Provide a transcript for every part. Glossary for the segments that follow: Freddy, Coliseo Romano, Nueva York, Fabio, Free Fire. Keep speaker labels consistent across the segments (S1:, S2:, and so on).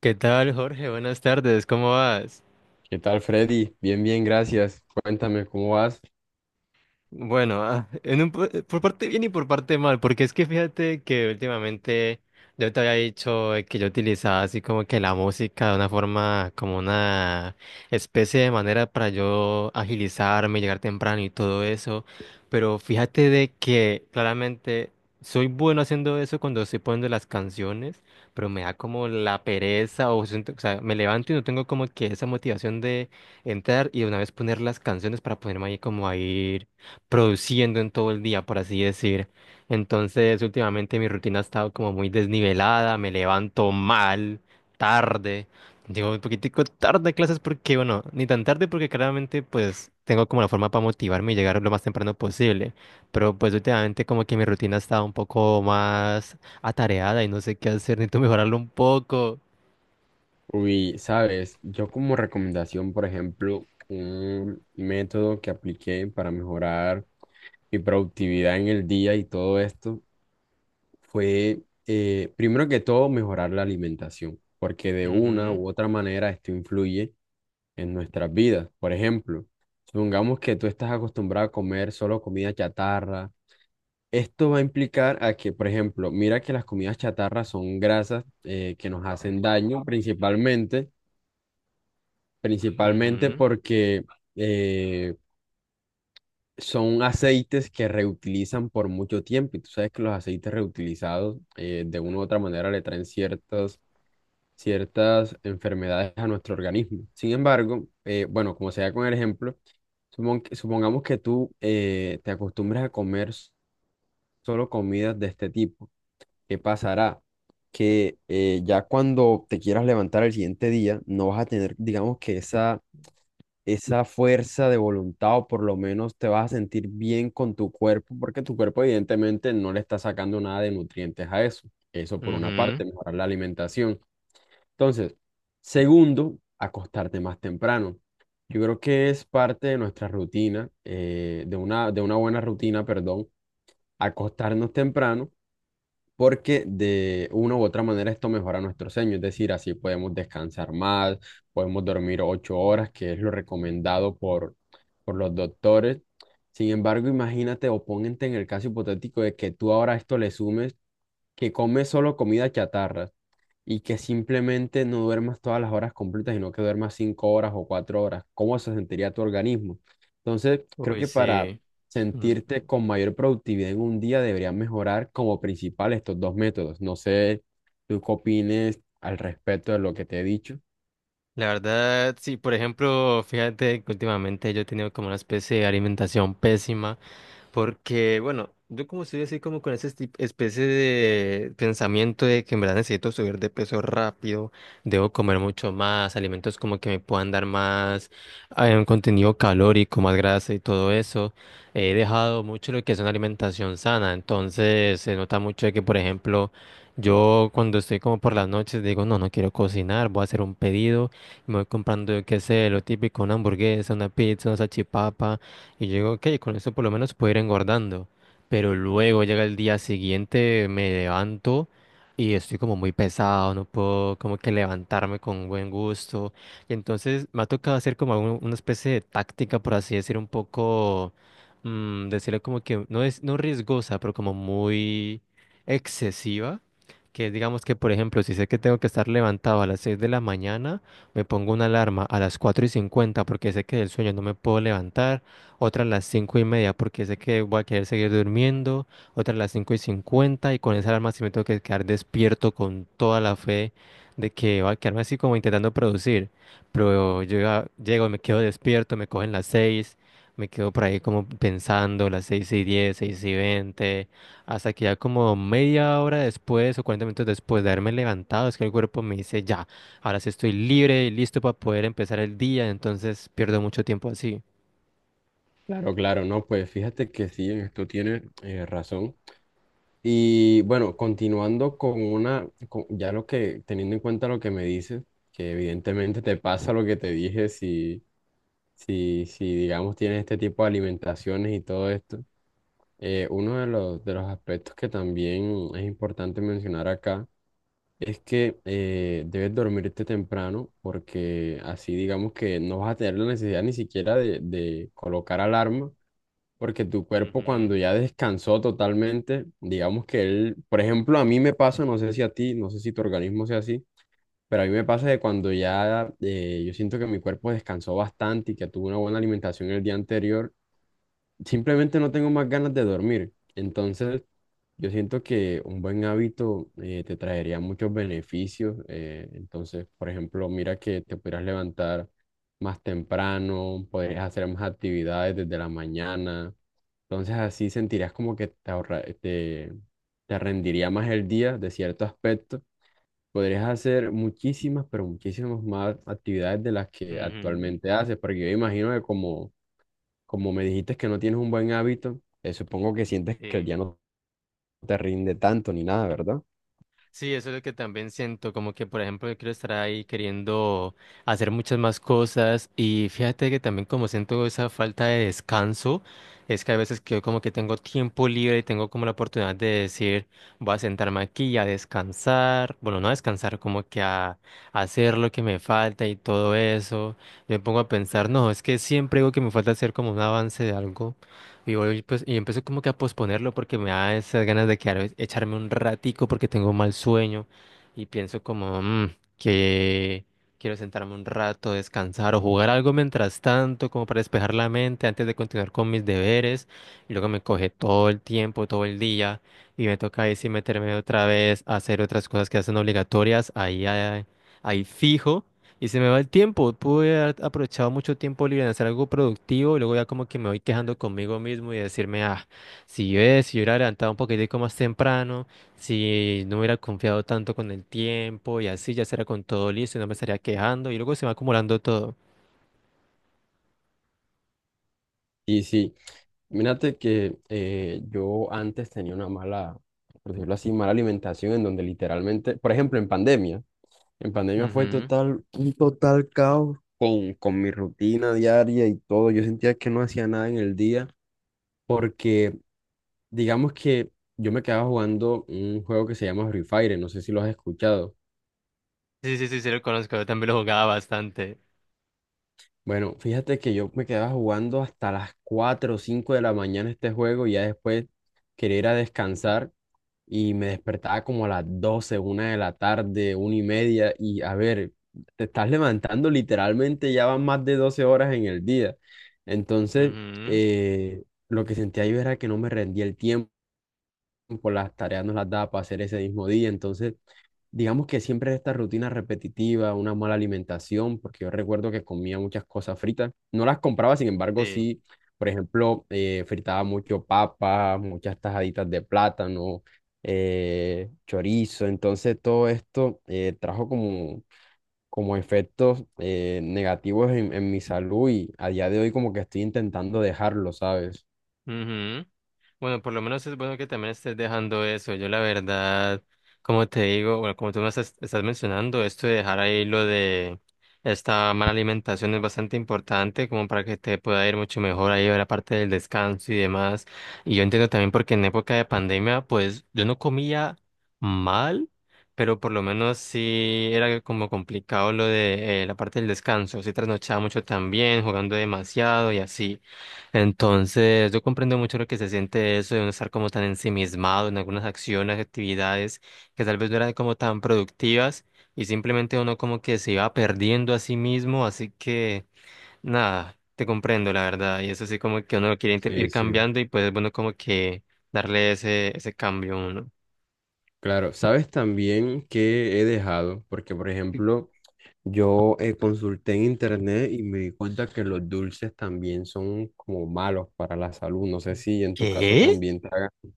S1: ¿Qué tal, Jorge? Buenas tardes, ¿cómo vas?
S2: ¿Qué tal, Freddy? Bien, bien, gracias. Cuéntame, ¿cómo vas?
S1: Bueno, por parte bien y por parte mal, porque es que fíjate que últimamente yo te había dicho que yo utilizaba así como que la música de una forma, como una especie de manera para yo agilizarme, llegar temprano y todo eso, pero fíjate de que claramente soy bueno haciendo eso cuando estoy poniendo las canciones, pero me da como la pereza o, o sea, me levanto y no tengo como que esa motivación de entrar y de una vez poner las canciones para ponerme ahí como a ir produciendo en todo el día, por así decir. Entonces, últimamente mi rutina ha estado como muy desnivelada, me levanto mal, tarde, digo un poquitico tarde a clases porque, bueno, ni tan tarde porque claramente pues tengo como la forma para motivarme y llegar lo más temprano posible, pero pues últimamente como que mi rutina ha estado un poco más atareada y no sé qué hacer, necesito mejorarlo un poco.
S2: Uy, sabes, yo como recomendación, por ejemplo, un método que apliqué para mejorar mi productividad en el día y todo esto fue, primero que todo, mejorar la alimentación, porque de una
S1: Ujú,
S2: u otra manera esto influye en nuestras vidas. Por ejemplo, supongamos que tú estás acostumbrado a comer solo comida chatarra. Esto va a implicar a que, por ejemplo, mira que las comidas chatarra son grasas que nos hacen daño principalmente, principalmente
S1: ujú,
S2: porque eh, son aceites que reutilizan por mucho tiempo. Y tú sabes que los aceites reutilizados de una u otra manera le traen ciertas enfermedades a nuestro organismo. Sin embargo, bueno, como sea con el ejemplo, supongamos que tú te acostumbras a comer solo comidas de este tipo. ¿Qué pasará? Que ya cuando te quieras levantar al siguiente día, no vas a tener, digamos que esa fuerza de voluntad o por lo menos te vas a sentir bien con tu cuerpo, porque tu cuerpo evidentemente no le está sacando nada de nutrientes a eso. Eso por una
S1: ujú.
S2: parte, mejorar la alimentación. Entonces, segundo, acostarte más temprano. Yo creo que es parte de nuestra rutina, de una buena rutina, perdón, acostarnos temprano porque de una u otra manera esto mejora nuestro sueño, es decir, así podemos descansar más, podemos dormir 8 horas, que es lo recomendado por los doctores. Sin embargo, imagínate o ponente en el caso hipotético de que tú ahora a esto le sumes que comes solo comida chatarra y que simplemente no duermas todas las horas completas, sino que duermas 5 horas o 4 horas. ¿Cómo se sentiría tu organismo? Entonces, creo
S1: Uy,
S2: que para
S1: sí.
S2: sentirte con mayor productividad en un día debería mejorar como principal estos dos métodos. No sé, tú qué opines al respecto de lo que te he dicho.
S1: La verdad, sí, por ejemplo, fíjate que últimamente yo he tenido como una especie de alimentación pésima. Porque, bueno, yo como estoy así como con esa especie de pensamiento de que en verdad necesito subir de peso rápido, debo comer mucho más, alimentos como que me puedan dar más un contenido calórico, más grasa y todo eso, he dejado mucho lo que es una alimentación sana, entonces se nota mucho de que, por ejemplo, yo cuando estoy como por las noches digo, no, no quiero cocinar, voy a hacer un pedido, y me voy comprando, yo qué sé, lo típico, una hamburguesa, una pizza, una salchipapa. Y yo digo, ok, con eso por lo menos puedo ir engordando. Pero luego llega el día siguiente, me levanto y estoy como muy pesado, no puedo como que levantarme con buen gusto. Y entonces me ha tocado hacer como una especie de táctica, por así decir, un poco, decirle como que no es, no riesgosa, pero como muy excesiva. Que es, digamos que, por ejemplo, si sé que tengo que estar levantado a las 6 de la mañana, me pongo una alarma a las 4:50 porque sé que del sueño no me puedo levantar otra a las 5:30 porque sé que voy a querer seguir durmiendo, otra a las 5:50 y con esa alarma sí me tengo que quedar despierto con toda la fe de que voy a quedarme así como intentando producir, pero yo ya llego, me quedo despierto, me cogen las 6, me quedo por ahí como pensando las 6:10, 6:20, hasta que ya como media hora después o 40 minutos después de haberme levantado es que el cuerpo me dice ya, ahora sí estoy libre y listo para poder empezar el día, entonces pierdo mucho tiempo así.
S2: Claro, claro, no, pues fíjate que sí, en esto tienes razón. Y bueno, continuando ya lo que, teniendo en cuenta lo que me dices, que evidentemente te pasa lo que te dije si digamos, tienes este tipo de alimentaciones y todo esto. Uno de los aspectos que también es importante mencionar acá es que debes dormirte temprano porque así digamos que no vas a tener la necesidad ni siquiera de colocar alarma porque tu cuerpo cuando ya descansó totalmente, digamos que él, por ejemplo, a mí me pasa, no sé si a ti, no sé si tu organismo sea así, pero a mí me pasa de cuando ya yo siento que mi cuerpo descansó bastante y que tuvo una buena alimentación el día anterior, simplemente no tengo más ganas de dormir. Entonces. Yo siento que un buen hábito te traería muchos beneficios. Entonces, por ejemplo, mira que te pudieras levantar más temprano, podrías hacer más actividades desde la mañana. Entonces, así sentirías como que te rendiría más el día de cierto aspecto. Podrías hacer muchísimas, pero muchísimas más actividades de las que
S1: Ujú.
S2: actualmente haces, porque yo imagino que como me dijiste que no tienes un buen hábito, supongo que sientes que el
S1: Sí.
S2: día no te rinde tanto ni nada, ¿verdad?
S1: Sí, eso es lo que también siento, como que por ejemplo yo quiero estar ahí queriendo hacer muchas más cosas y fíjate que también como siento esa falta de descanso, es que a veces que yo como que tengo tiempo libre y tengo como la oportunidad de decir, voy a sentarme aquí a descansar, bueno, no a descansar, como que a, hacer lo que me falta y todo eso, yo me pongo a pensar, no, es que siempre digo que me falta hacer como un avance de algo. Y voy, pues, y empecé como que a posponerlo porque me da esas ganas de quedar, echarme un ratico porque tengo mal sueño y pienso como " que quiero sentarme un rato, descansar o jugar algo mientras tanto, como para despejar la mente antes de continuar con mis deberes. Y luego me coge todo el tiempo, todo el día y me toca ahí sí meterme otra vez a hacer otras cosas que hacen obligatorias ahí fijo. Y se me va el tiempo. Pude haber aprovechado mucho tiempo libre en hacer algo productivo y luego ya como que me voy quejando conmigo mismo y decirme, ah, si yo hubiera levantado un poquitico más temprano, si no hubiera confiado tanto con el tiempo y así ya será con todo listo y no me estaría quejando y luego se va acumulando todo.
S2: Y sí, mírate que yo antes tenía una mala, por decirlo así, mala alimentación en donde literalmente, por ejemplo, en pandemia fue
S1: Ujú.
S2: total, un total caos con mi rutina diaria y todo. Yo sentía que no hacía nada en el día porque, digamos que yo me quedaba jugando un juego que se llama Free Fire, no sé si lo has escuchado.
S1: Sí, sí, sí, sí lo conozco. Yo también lo jugaba bastante.
S2: Bueno, fíjate que yo me quedaba jugando hasta las 4 o 5 de la mañana este juego y ya después quería ir a descansar y me despertaba como a las 12 1 de la tarde, 1:30, y a ver, te estás levantando literalmente, ya van más de 12 horas en el día. Entonces,
S1: Ujú.
S2: eh, lo que sentía yo era que no me rendía el tiempo, las tareas no las daba para hacer ese mismo día, entonces digamos que siempre esta rutina repetitiva, una mala alimentación, porque yo recuerdo que comía muchas cosas fritas. No las compraba, sin embargo,
S1: Sí.
S2: sí, por ejemplo, fritaba mucho papas muchas tajaditas de plátano, chorizo. Entonces, todo esto trajo como, como efectos negativos en mi salud y a día de hoy como que estoy intentando dejarlo, ¿sabes?
S1: Ujú. Bueno, por lo menos es bueno que también estés dejando eso. Yo la verdad, como te digo, bueno, como tú me estás, mencionando, esto de dejar ahí lo de esta mala alimentación es bastante importante como para que te pueda ir mucho mejor ahí a la parte del descanso y demás. Y yo entiendo también porque en época de pandemia, pues yo no comía mal, pero por lo menos sí era como complicado lo de la parte del descanso. Sí trasnochaba mucho también, jugando demasiado y así. Entonces, yo comprendo mucho lo que se siente eso de uno estar como tan ensimismado en algunas acciones, actividades que tal vez no eran como tan productivas y simplemente uno como que se iba perdiendo a sí mismo, así que nada, te comprendo la verdad y eso sí como que uno lo quiere ir
S2: Sí, sí.
S1: cambiando y pues es bueno como que darle ese, cambio a uno.
S2: Claro, sabes también que he dejado, porque por ejemplo, yo consulté en internet y me di cuenta que los dulces también son como malos para la salud. No sé si en tu caso
S1: ¿Qué?
S2: también te hagan. O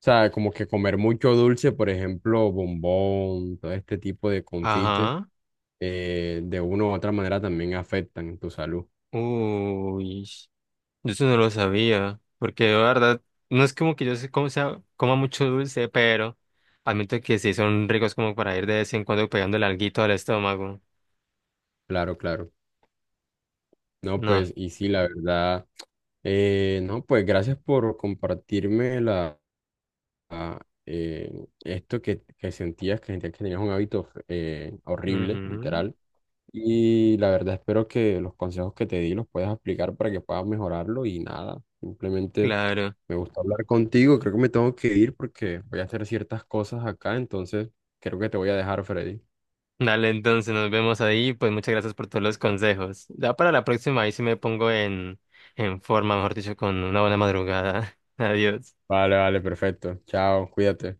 S2: sea, como que comer mucho dulce, por ejemplo, bombón, todo este tipo de confites,
S1: Ajá.
S2: de una u otra manera también afectan tu salud.
S1: Uy. Yo eso no lo sabía, porque de verdad, no es como que yo se como sea, coma mucho dulce, pero admito que sí son ricos como para ir de vez en cuando pegándole alguito al estómago.
S2: Claro, claro. No,
S1: No,
S2: pues, y sí, la verdad. No, pues gracias por compartirme la, eh, esto que sentías que tenías un hábito horrible,
S1: ujú,
S2: literal. Y la verdad espero que los consejos que te di los puedas aplicar para que puedas mejorarlo y nada, simplemente
S1: claro.
S2: me gusta hablar contigo, creo que me tengo que ir porque voy a hacer ciertas cosas acá, entonces creo que te voy a dejar, Freddy.
S1: Dale, entonces nos vemos ahí, pues muchas gracias por todos los consejos. Ya para la próxima ahí sí me pongo en, forma, mejor dicho, con una buena madrugada. Adiós.
S2: Vale, vale, perfecto. Chao, cuídate.